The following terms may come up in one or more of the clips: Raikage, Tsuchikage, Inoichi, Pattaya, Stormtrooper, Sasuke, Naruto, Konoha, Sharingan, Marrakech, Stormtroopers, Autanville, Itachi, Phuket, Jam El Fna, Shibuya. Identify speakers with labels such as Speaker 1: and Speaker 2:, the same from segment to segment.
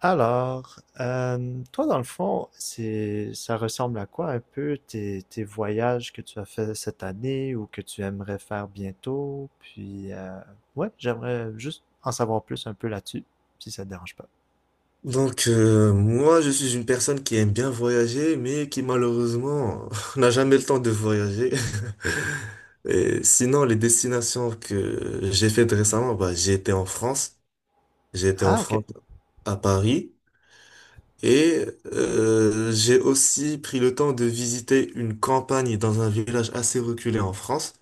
Speaker 1: Toi, dans le fond, c'est, ça ressemble à quoi un peu tes voyages que tu as fait cette année ou que tu aimerais faire bientôt? Ouais, j'aimerais juste en savoir plus un peu là-dessus, si ça te dérange pas.
Speaker 2: Moi, je suis une personne qui aime bien voyager, mais qui malheureusement n'a jamais le temps de voyager. Et sinon, les destinations que j'ai faites récemment, j'ai été en France, j'ai été en
Speaker 1: Ah, ok.
Speaker 2: France à Paris, et j'ai aussi pris le temps de visiter une campagne dans un village assez reculé en France,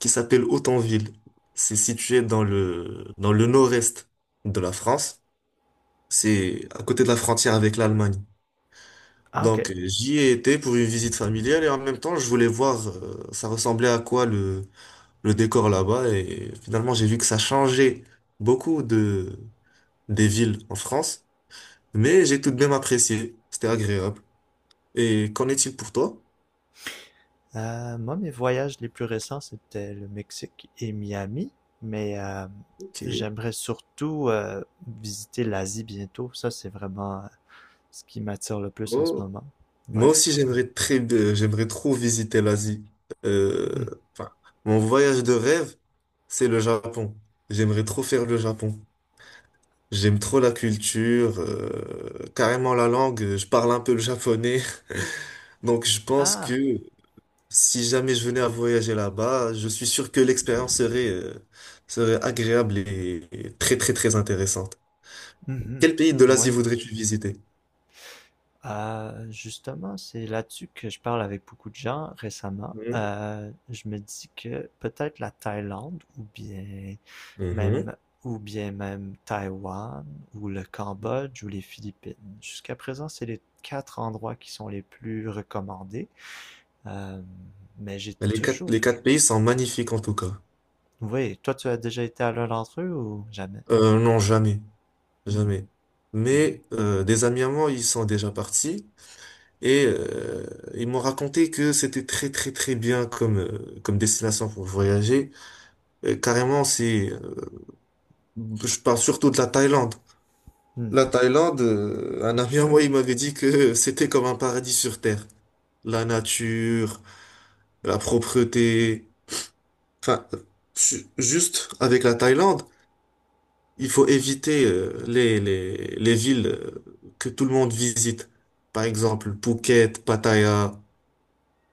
Speaker 2: qui s'appelle Autanville. C'est situé dans le nord-est de la France. C'est à côté de la frontière avec l'Allemagne.
Speaker 1: Ah, ok.
Speaker 2: J'y ai été pour une visite familiale et en même temps, je voulais voir ça ressemblait à quoi le décor là-bas. Et finalement, j'ai vu que ça changeait beaucoup de, des villes en France, mais j'ai tout de même apprécié. C'était agréable. Et qu'en est-il pour toi?
Speaker 1: Moi, mes voyages les plus récents, c'était le Mexique et Miami, mais
Speaker 2: Ok.
Speaker 1: j'aimerais surtout visiter l'Asie bientôt. Ça, c'est vraiment ce qui m'attire le plus en ce
Speaker 2: Oh.
Speaker 1: moment.
Speaker 2: Moi
Speaker 1: Ouais.
Speaker 2: aussi, j'aimerais trop visiter l'Asie.
Speaker 1: Hmm.
Speaker 2: Enfin, mon voyage de rêve, c'est le Japon. J'aimerais trop faire le Japon. J'aime trop la culture, carrément la langue. Je parle un peu le japonais. Donc je pense
Speaker 1: Ah,
Speaker 2: que si jamais je venais à voyager là-bas, je suis sûr que l'expérience serait agréable et très très très intéressante.
Speaker 1: mhm.
Speaker 2: Quel pays de l'Asie
Speaker 1: Ouais.
Speaker 2: voudrais-tu visiter?
Speaker 1: Justement, c'est là-dessus que je parle avec beaucoup de gens récemment.
Speaker 2: Mhm.
Speaker 1: Je me dis que peut-être la Thaïlande
Speaker 2: Mhm.
Speaker 1: même ou bien même Taïwan ou le Cambodge ou les Philippines. Jusqu'à présent, c'est les quatre endroits qui sont les plus recommandés. Euh, mais j'ai toujours...
Speaker 2: Les quatre pays sont magnifiques en tout cas.
Speaker 1: Oui, toi, tu as déjà été à l'un d'entre eux ou jamais?
Speaker 2: Non, jamais,
Speaker 1: Hmm,
Speaker 2: jamais.
Speaker 1: mhm,
Speaker 2: Mais des amis à moi, ils sont déjà partis. Et ils m'ont raconté que c'était très très très bien comme comme destination pour voyager. Carrément, c'est je parle surtout de la Thaïlande.
Speaker 1: hmm.
Speaker 2: La Thaïlande, un ami à moi, il
Speaker 1: Ouais.
Speaker 2: m'avait dit que c'était comme un paradis sur terre. La nature, la propreté. Enfin, juste avec la Thaïlande, il faut éviter les villes que tout le monde visite. Par exemple, Phuket, Pattaya.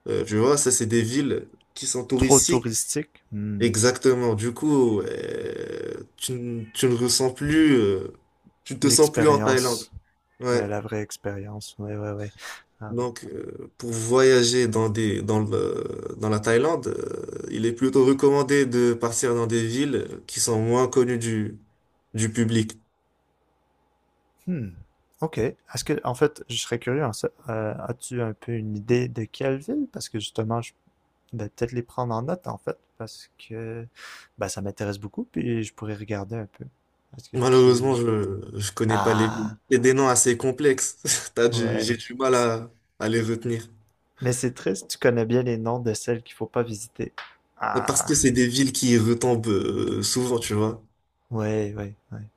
Speaker 2: Tu vois, ça, c'est des villes qui sont
Speaker 1: Trop
Speaker 2: touristiques.
Speaker 1: touristique? Hmm.
Speaker 2: Exactement. Du coup, tu ne ressens plus, tu ne te sens plus en Thaïlande.
Speaker 1: L'expérience. Ouais,
Speaker 2: Ouais.
Speaker 1: la vraie expérience. Ouais, ouais, ouais. Ah oui.
Speaker 2: Pour voyager dans des, dans le, dans la Thaïlande, il est plutôt recommandé de partir dans des villes qui sont moins connues du public.
Speaker 1: Hmm. OK. Est-ce que, en fait, je serais curieux, as-tu un peu une idée de quelle ville? Parce que justement, je vais peut-être les prendre en note, en fait, parce que bah ça m'intéresse beaucoup, puis je pourrais regarder un peu. Est-ce que tu...
Speaker 2: Malheureusement, je connais pas les villes.
Speaker 1: Ah,
Speaker 2: C'est des noms assez complexes. J'ai
Speaker 1: ouais.
Speaker 2: du mal
Speaker 1: C-
Speaker 2: à les retenir.
Speaker 1: Mais c'est triste, tu connais bien les noms de celles qu'il faut pas visiter.
Speaker 2: Parce
Speaker 1: Ah,
Speaker 2: que c'est des villes qui retombent souvent, tu vois.
Speaker 1: ouais, ouais, ouais.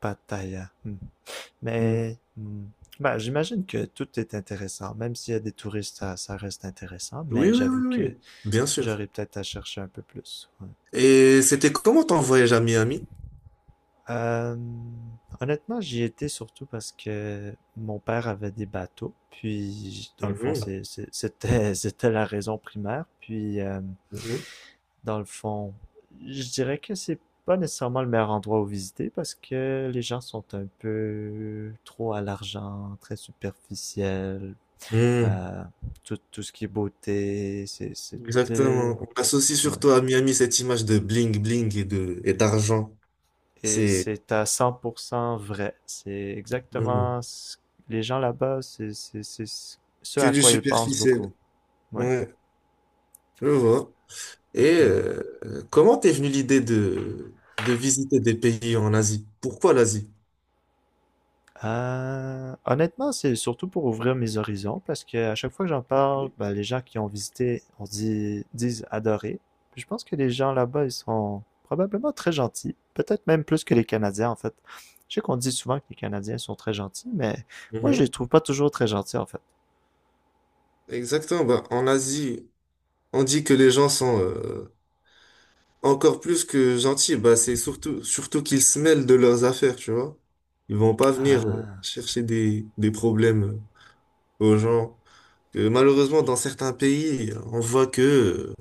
Speaker 1: Pattaya. Hmm.
Speaker 2: Mm.
Speaker 1: Mais ben, j'imagine que tout est intéressant. Même s'il y a des touristes, ça reste intéressant.
Speaker 2: Oui,
Speaker 1: Mais
Speaker 2: oui,
Speaker 1: j'avoue
Speaker 2: oui,
Speaker 1: que
Speaker 2: oui, bien sûr.
Speaker 1: j'aurais peut-être à chercher un peu plus. Ouais.
Speaker 2: Et c'était comment ton voyage à Miami?
Speaker 1: Euh, honnêtement, j'y étais surtout parce que mon père avait des bateaux. Puis, dans le fond,
Speaker 2: Mhm,
Speaker 1: c'était, c'était la raison primaire.
Speaker 2: mhm.
Speaker 1: Dans le fond, je dirais que c'est pas nécessairement le meilleur endroit où visiter parce que les gens sont un peu trop à l'argent, très superficiels,
Speaker 2: Mm.
Speaker 1: euh, tout, tout ce qui est beauté, euh,
Speaker 2: Exactement. On associe
Speaker 1: ouais.
Speaker 2: surtout à Miami cette image de bling bling et d'argent.
Speaker 1: Et
Speaker 2: C'est
Speaker 1: c'est à 100% vrai. C'est
Speaker 2: mhm,
Speaker 1: exactement ce- les gens là-bas, c'est ce
Speaker 2: que
Speaker 1: à
Speaker 2: du
Speaker 1: quoi ils pensent beaucoup.
Speaker 2: superficiel.
Speaker 1: Ouais,
Speaker 2: Ouais, je vois. Et
Speaker 1: ouais.
Speaker 2: comment t'es venue l'idée de visiter des pays en Asie? Pourquoi l'Asie?
Speaker 1: Honnêtement, c'est surtout pour ouvrir mes horizons parce que à chaque fois que j'en parle, ben, les gens qui ont visité disent adorer. Puis je pense que les gens là-bas, ils sont probablement très gentils, peut-être même plus que les Canadiens en fait. Je sais qu'on dit souvent que les Canadiens sont très gentils, mais moi je les
Speaker 2: Mhm.
Speaker 1: trouve pas toujours très gentils en fait.
Speaker 2: Exactement. Bah, en Asie, on dit que les gens sont encore plus que gentil, bah c'est surtout surtout qu'ils se mêlent de leurs affaires, tu vois. Ils vont pas venir
Speaker 1: Ah,
Speaker 2: chercher des problèmes aux gens. Malheureusement, dans certains pays, on voit que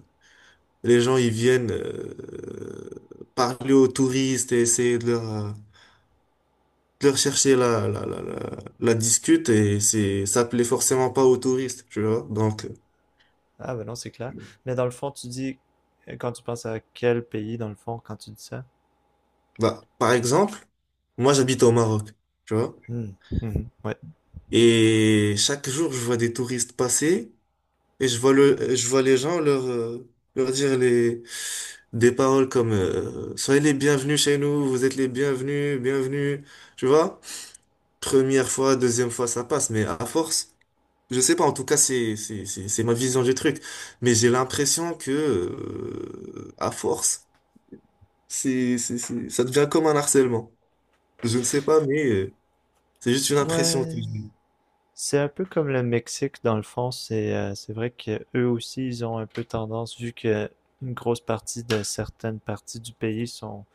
Speaker 2: les gens ils viennent parler aux touristes et essayer de de leur chercher la discute et c'est ça plaît forcément pas aux touristes, tu vois.
Speaker 1: ah ben non, c'est clair. Mais dans le fond, tu dis quand tu penses à quel pays dans le fond quand tu dis ça?
Speaker 2: Bah, par exemple, moi j'habite au Maroc, tu vois,
Speaker 1: Hmm. Mhm. Ouais.
Speaker 2: et chaque jour je vois des touristes passer. Et je vois je vois les gens leur dire des paroles comme soyez les bienvenus chez nous, vous êtes les bienvenus, bienvenus. Tu vois? Première fois, deuxième fois, ça passe, mais à force, je sais pas, en tout cas, c'est ma vision du truc. Mais j'ai l'impression que, à force, ça devient comme un harcèlement. Je ne sais pas, mais c'est juste une impression que
Speaker 1: Ouais,
Speaker 2: j'ai.
Speaker 1: c'est un peu comme le Mexique dans le fond, c'est vrai que eux aussi ils ont un peu tendance vu que une grosse partie de certaines parties du pays sont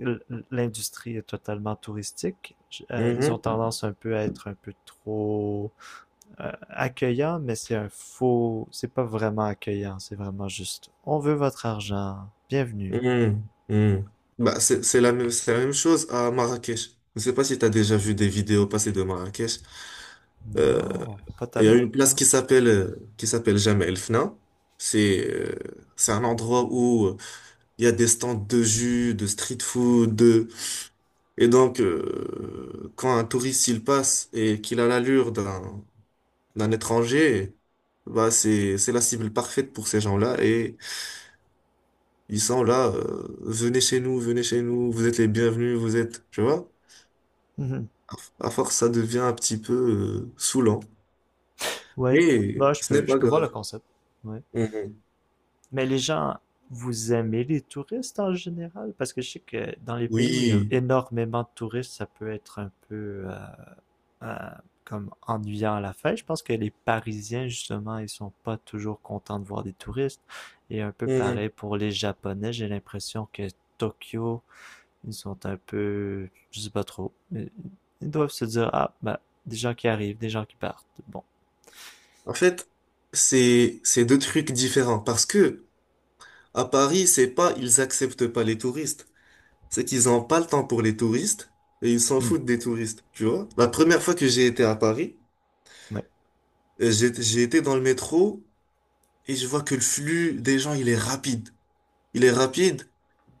Speaker 1: l- l'industrie est totalement touristique, ils ont
Speaker 2: Mhm.
Speaker 1: tendance un peu à être un peu trop accueillants, mais c'est un faux, c'est pas vraiment accueillant, c'est vraiment juste on veut votre argent, bienvenue.
Speaker 2: Hmm, hmm. Bah, c'est la même, c'est la même chose à Marrakech. Je ne sais pas si tu as déjà vu des vidéos passées de Marrakech. Euh,
Speaker 1: Non, pas
Speaker 2: Il y a
Speaker 1: tellement,
Speaker 2: une place
Speaker 1: non.
Speaker 2: qui s'appelle Jam El Fna. C'est euh, c'est un endroit où il y a des stands de jus, de street food, de... Et donc, quand un touriste il passe et qu'il a l'allure d'un étranger, bah c'est la cible parfaite pour ces gens-là et ils sont là, venez chez nous, vous êtes les bienvenus, vous êtes, tu vois?
Speaker 1: Mhm.
Speaker 2: À à force, ça devient un petit peu saoulant.
Speaker 1: Ouais,
Speaker 2: Mais
Speaker 1: moi
Speaker 2: ce n'est
Speaker 1: je
Speaker 2: pas
Speaker 1: peux voir le
Speaker 2: grave.
Speaker 1: concept. Ouais.
Speaker 2: Mhm.
Speaker 1: Mais les gens, vous aimez les touristes en général? Parce que je sais que dans les pays où il y a
Speaker 2: Oui.
Speaker 1: énormément de touristes, ça peut être un peu euh, comme ennuyant à la fin. Je pense que les Parisiens, justement, ils sont pas toujours contents de voir des touristes. Et un peu
Speaker 2: Mhm.
Speaker 1: pareil pour les Japonais, j'ai l'impression que Tokyo, ils sont un peu, je sais pas trop. Ils doivent se dire, ah, bah, des gens qui arrivent, des gens qui partent. Bon.
Speaker 2: En fait, c'est deux trucs différents parce que à Paris, c'est pas ils acceptent pas les touristes, c'est qu'ils ont pas le temps pour les touristes et ils s'en
Speaker 1: Hmm.
Speaker 2: foutent des touristes, tu vois? La première fois que j'ai été à Paris,
Speaker 1: Oui,
Speaker 2: j'ai été dans le métro et je vois que le flux des gens, il est rapide. Il est rapide.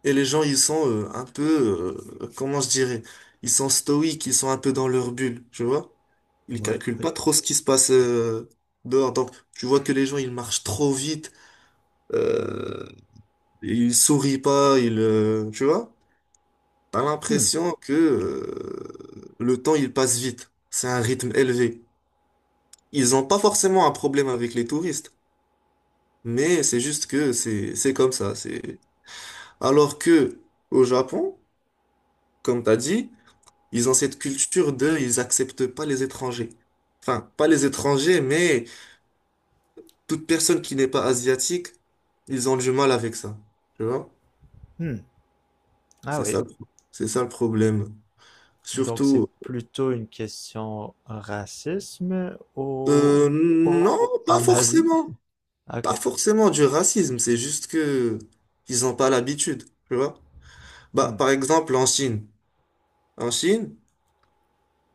Speaker 2: Et les gens, ils sont comment je dirais, ils sont stoïques, ils sont un peu dans leur bulle, tu vois? Ils
Speaker 1: oui,
Speaker 2: calculent
Speaker 1: oui.
Speaker 2: pas trop ce qui se passe dehors. Donc, tu vois que les gens, ils marchent trop vite, euh, ils sourient pas, tu vois? T'as
Speaker 1: Hmm.
Speaker 2: l'impression que le temps, il passe vite. C'est un rythme élevé. Ils ont pas forcément un problème avec les touristes, mais c'est juste que c'est comme ça. C'est alors que au Japon, comme t'as dit. Ils ont cette culture de, ils acceptent pas les étrangers. Enfin, pas les étrangers, mais toute personne qui n'est pas asiatique, ils ont du mal avec ça. Tu vois?
Speaker 1: Hmm. Ah
Speaker 2: C'est
Speaker 1: oui.
Speaker 2: ça, le- c'est ça le problème.
Speaker 1: Donc, c'est
Speaker 2: Surtout,
Speaker 1: plutôt une question racisme au...
Speaker 2: non,
Speaker 1: au-
Speaker 2: pas
Speaker 1: en Asie?
Speaker 2: forcément.
Speaker 1: Ah,
Speaker 2: Pas
Speaker 1: ok.
Speaker 2: forcément du racisme, c'est juste que ils n'ont pas l'habitude. Tu vois? Bah,
Speaker 1: Hmm.
Speaker 2: par exemple, en Chine. En Chine,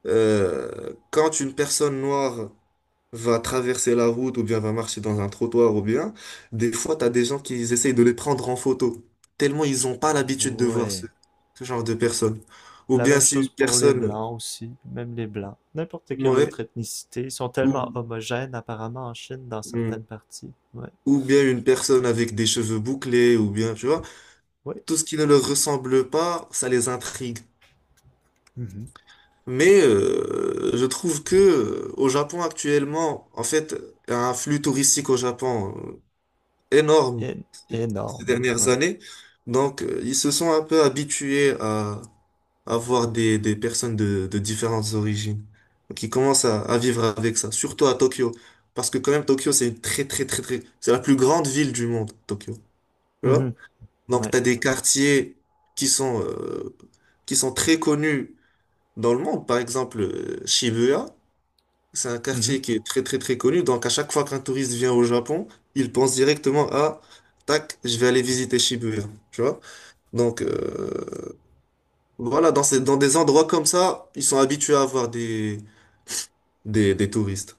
Speaker 2: quand une personne noire va traverser la route ou bien va marcher dans un trottoir ou bien, des fois, t'as des gens qui ils essayent de les prendre en photo, tellement ils n'ont pas l'habitude de voir
Speaker 1: Ouais.
Speaker 2: ce genre de personnes. Ou
Speaker 1: La
Speaker 2: bien
Speaker 1: même
Speaker 2: si
Speaker 1: chose
Speaker 2: une
Speaker 1: pour les
Speaker 2: personne,
Speaker 1: Blancs aussi. Même les Blancs. N'importe quelle autre
Speaker 2: ouais,
Speaker 1: ethnicité. Ils sont tellement
Speaker 2: ou,
Speaker 1: homogènes apparemment en Chine dans certaines
Speaker 2: mm,
Speaker 1: parties. Ouais.
Speaker 2: ou bien une personne avec des cheveux bouclés, ou bien, tu vois,
Speaker 1: Oui.
Speaker 2: tout ce qui ne leur ressemble pas, ça les intrigue.
Speaker 1: Mhm.
Speaker 2: Mais je trouve que au Japon actuellement, en fait, il y a un flux touristique au Japon. Énorme
Speaker 1: É-
Speaker 2: ces
Speaker 1: énorme.
Speaker 2: dernières
Speaker 1: Ouais.
Speaker 2: années. Donc, ils se sont un peu habitués à avoir des personnes de différentes origines. Donc, ils commencent à vivre avec ça, surtout à Tokyo. Parce que quand même, Tokyo, c'est une très, très, très, très... C'est la plus grande ville du monde, Tokyo. Tu vois?
Speaker 1: Mhm.
Speaker 2: Donc,
Speaker 1: Ouais.
Speaker 2: tu as des quartiers qui sont, euh, qui sont très connus dans le monde. Par exemple, Shibuya. C'est un
Speaker 1: Mhm.
Speaker 2: quartier qui est très très très connu, donc à chaque fois qu'un touriste vient au Japon, il pense directement à tac, je vais aller visiter Shibuya, tu vois? Donc euh, voilà, dans ces, dans des endroits comme ça, ils sont habitués à avoir des touristes.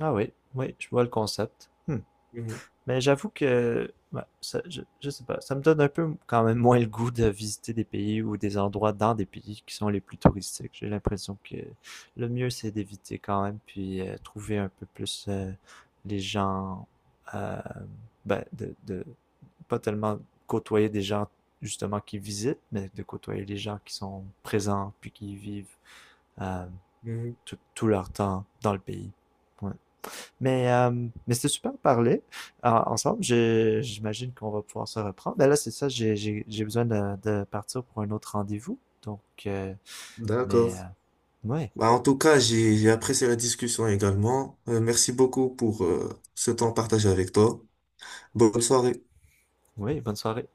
Speaker 1: Ah oui. Oui, je vois le concept. Hmm.
Speaker 2: Mhm,
Speaker 1: Mais j'avoue que, ouais, ça, je sais pas, ça me donne un peu quand même moins le goût de visiter des pays ou des endroits dans des pays qui sont les plus touristiques. J'ai l'impression que le mieux c'est d'éviter quand même, puis trouver un peu plus les gens, euh, ben, de pas tellement côtoyer des gens justement qui visitent, mais de côtoyer les gens qui sont présents puis qui vivent euh,
Speaker 2: mhm.
Speaker 1: tout, tout leur temps dans le pays. Ouais. Mais, euh, mais c'était super de parler ensemble. J'imagine qu'on va pouvoir se reprendre. Ben là, c'est ça, j'ai besoin de partir pour un autre rendez-vous. Euh,
Speaker 2: D'accord.
Speaker 1: ouais,
Speaker 2: Bah, en tout cas, j'ai apprécié la discussion également. Merci beaucoup pour ce temps partagé avec toi. Bonne soirée.
Speaker 1: ouais, bonne soirée.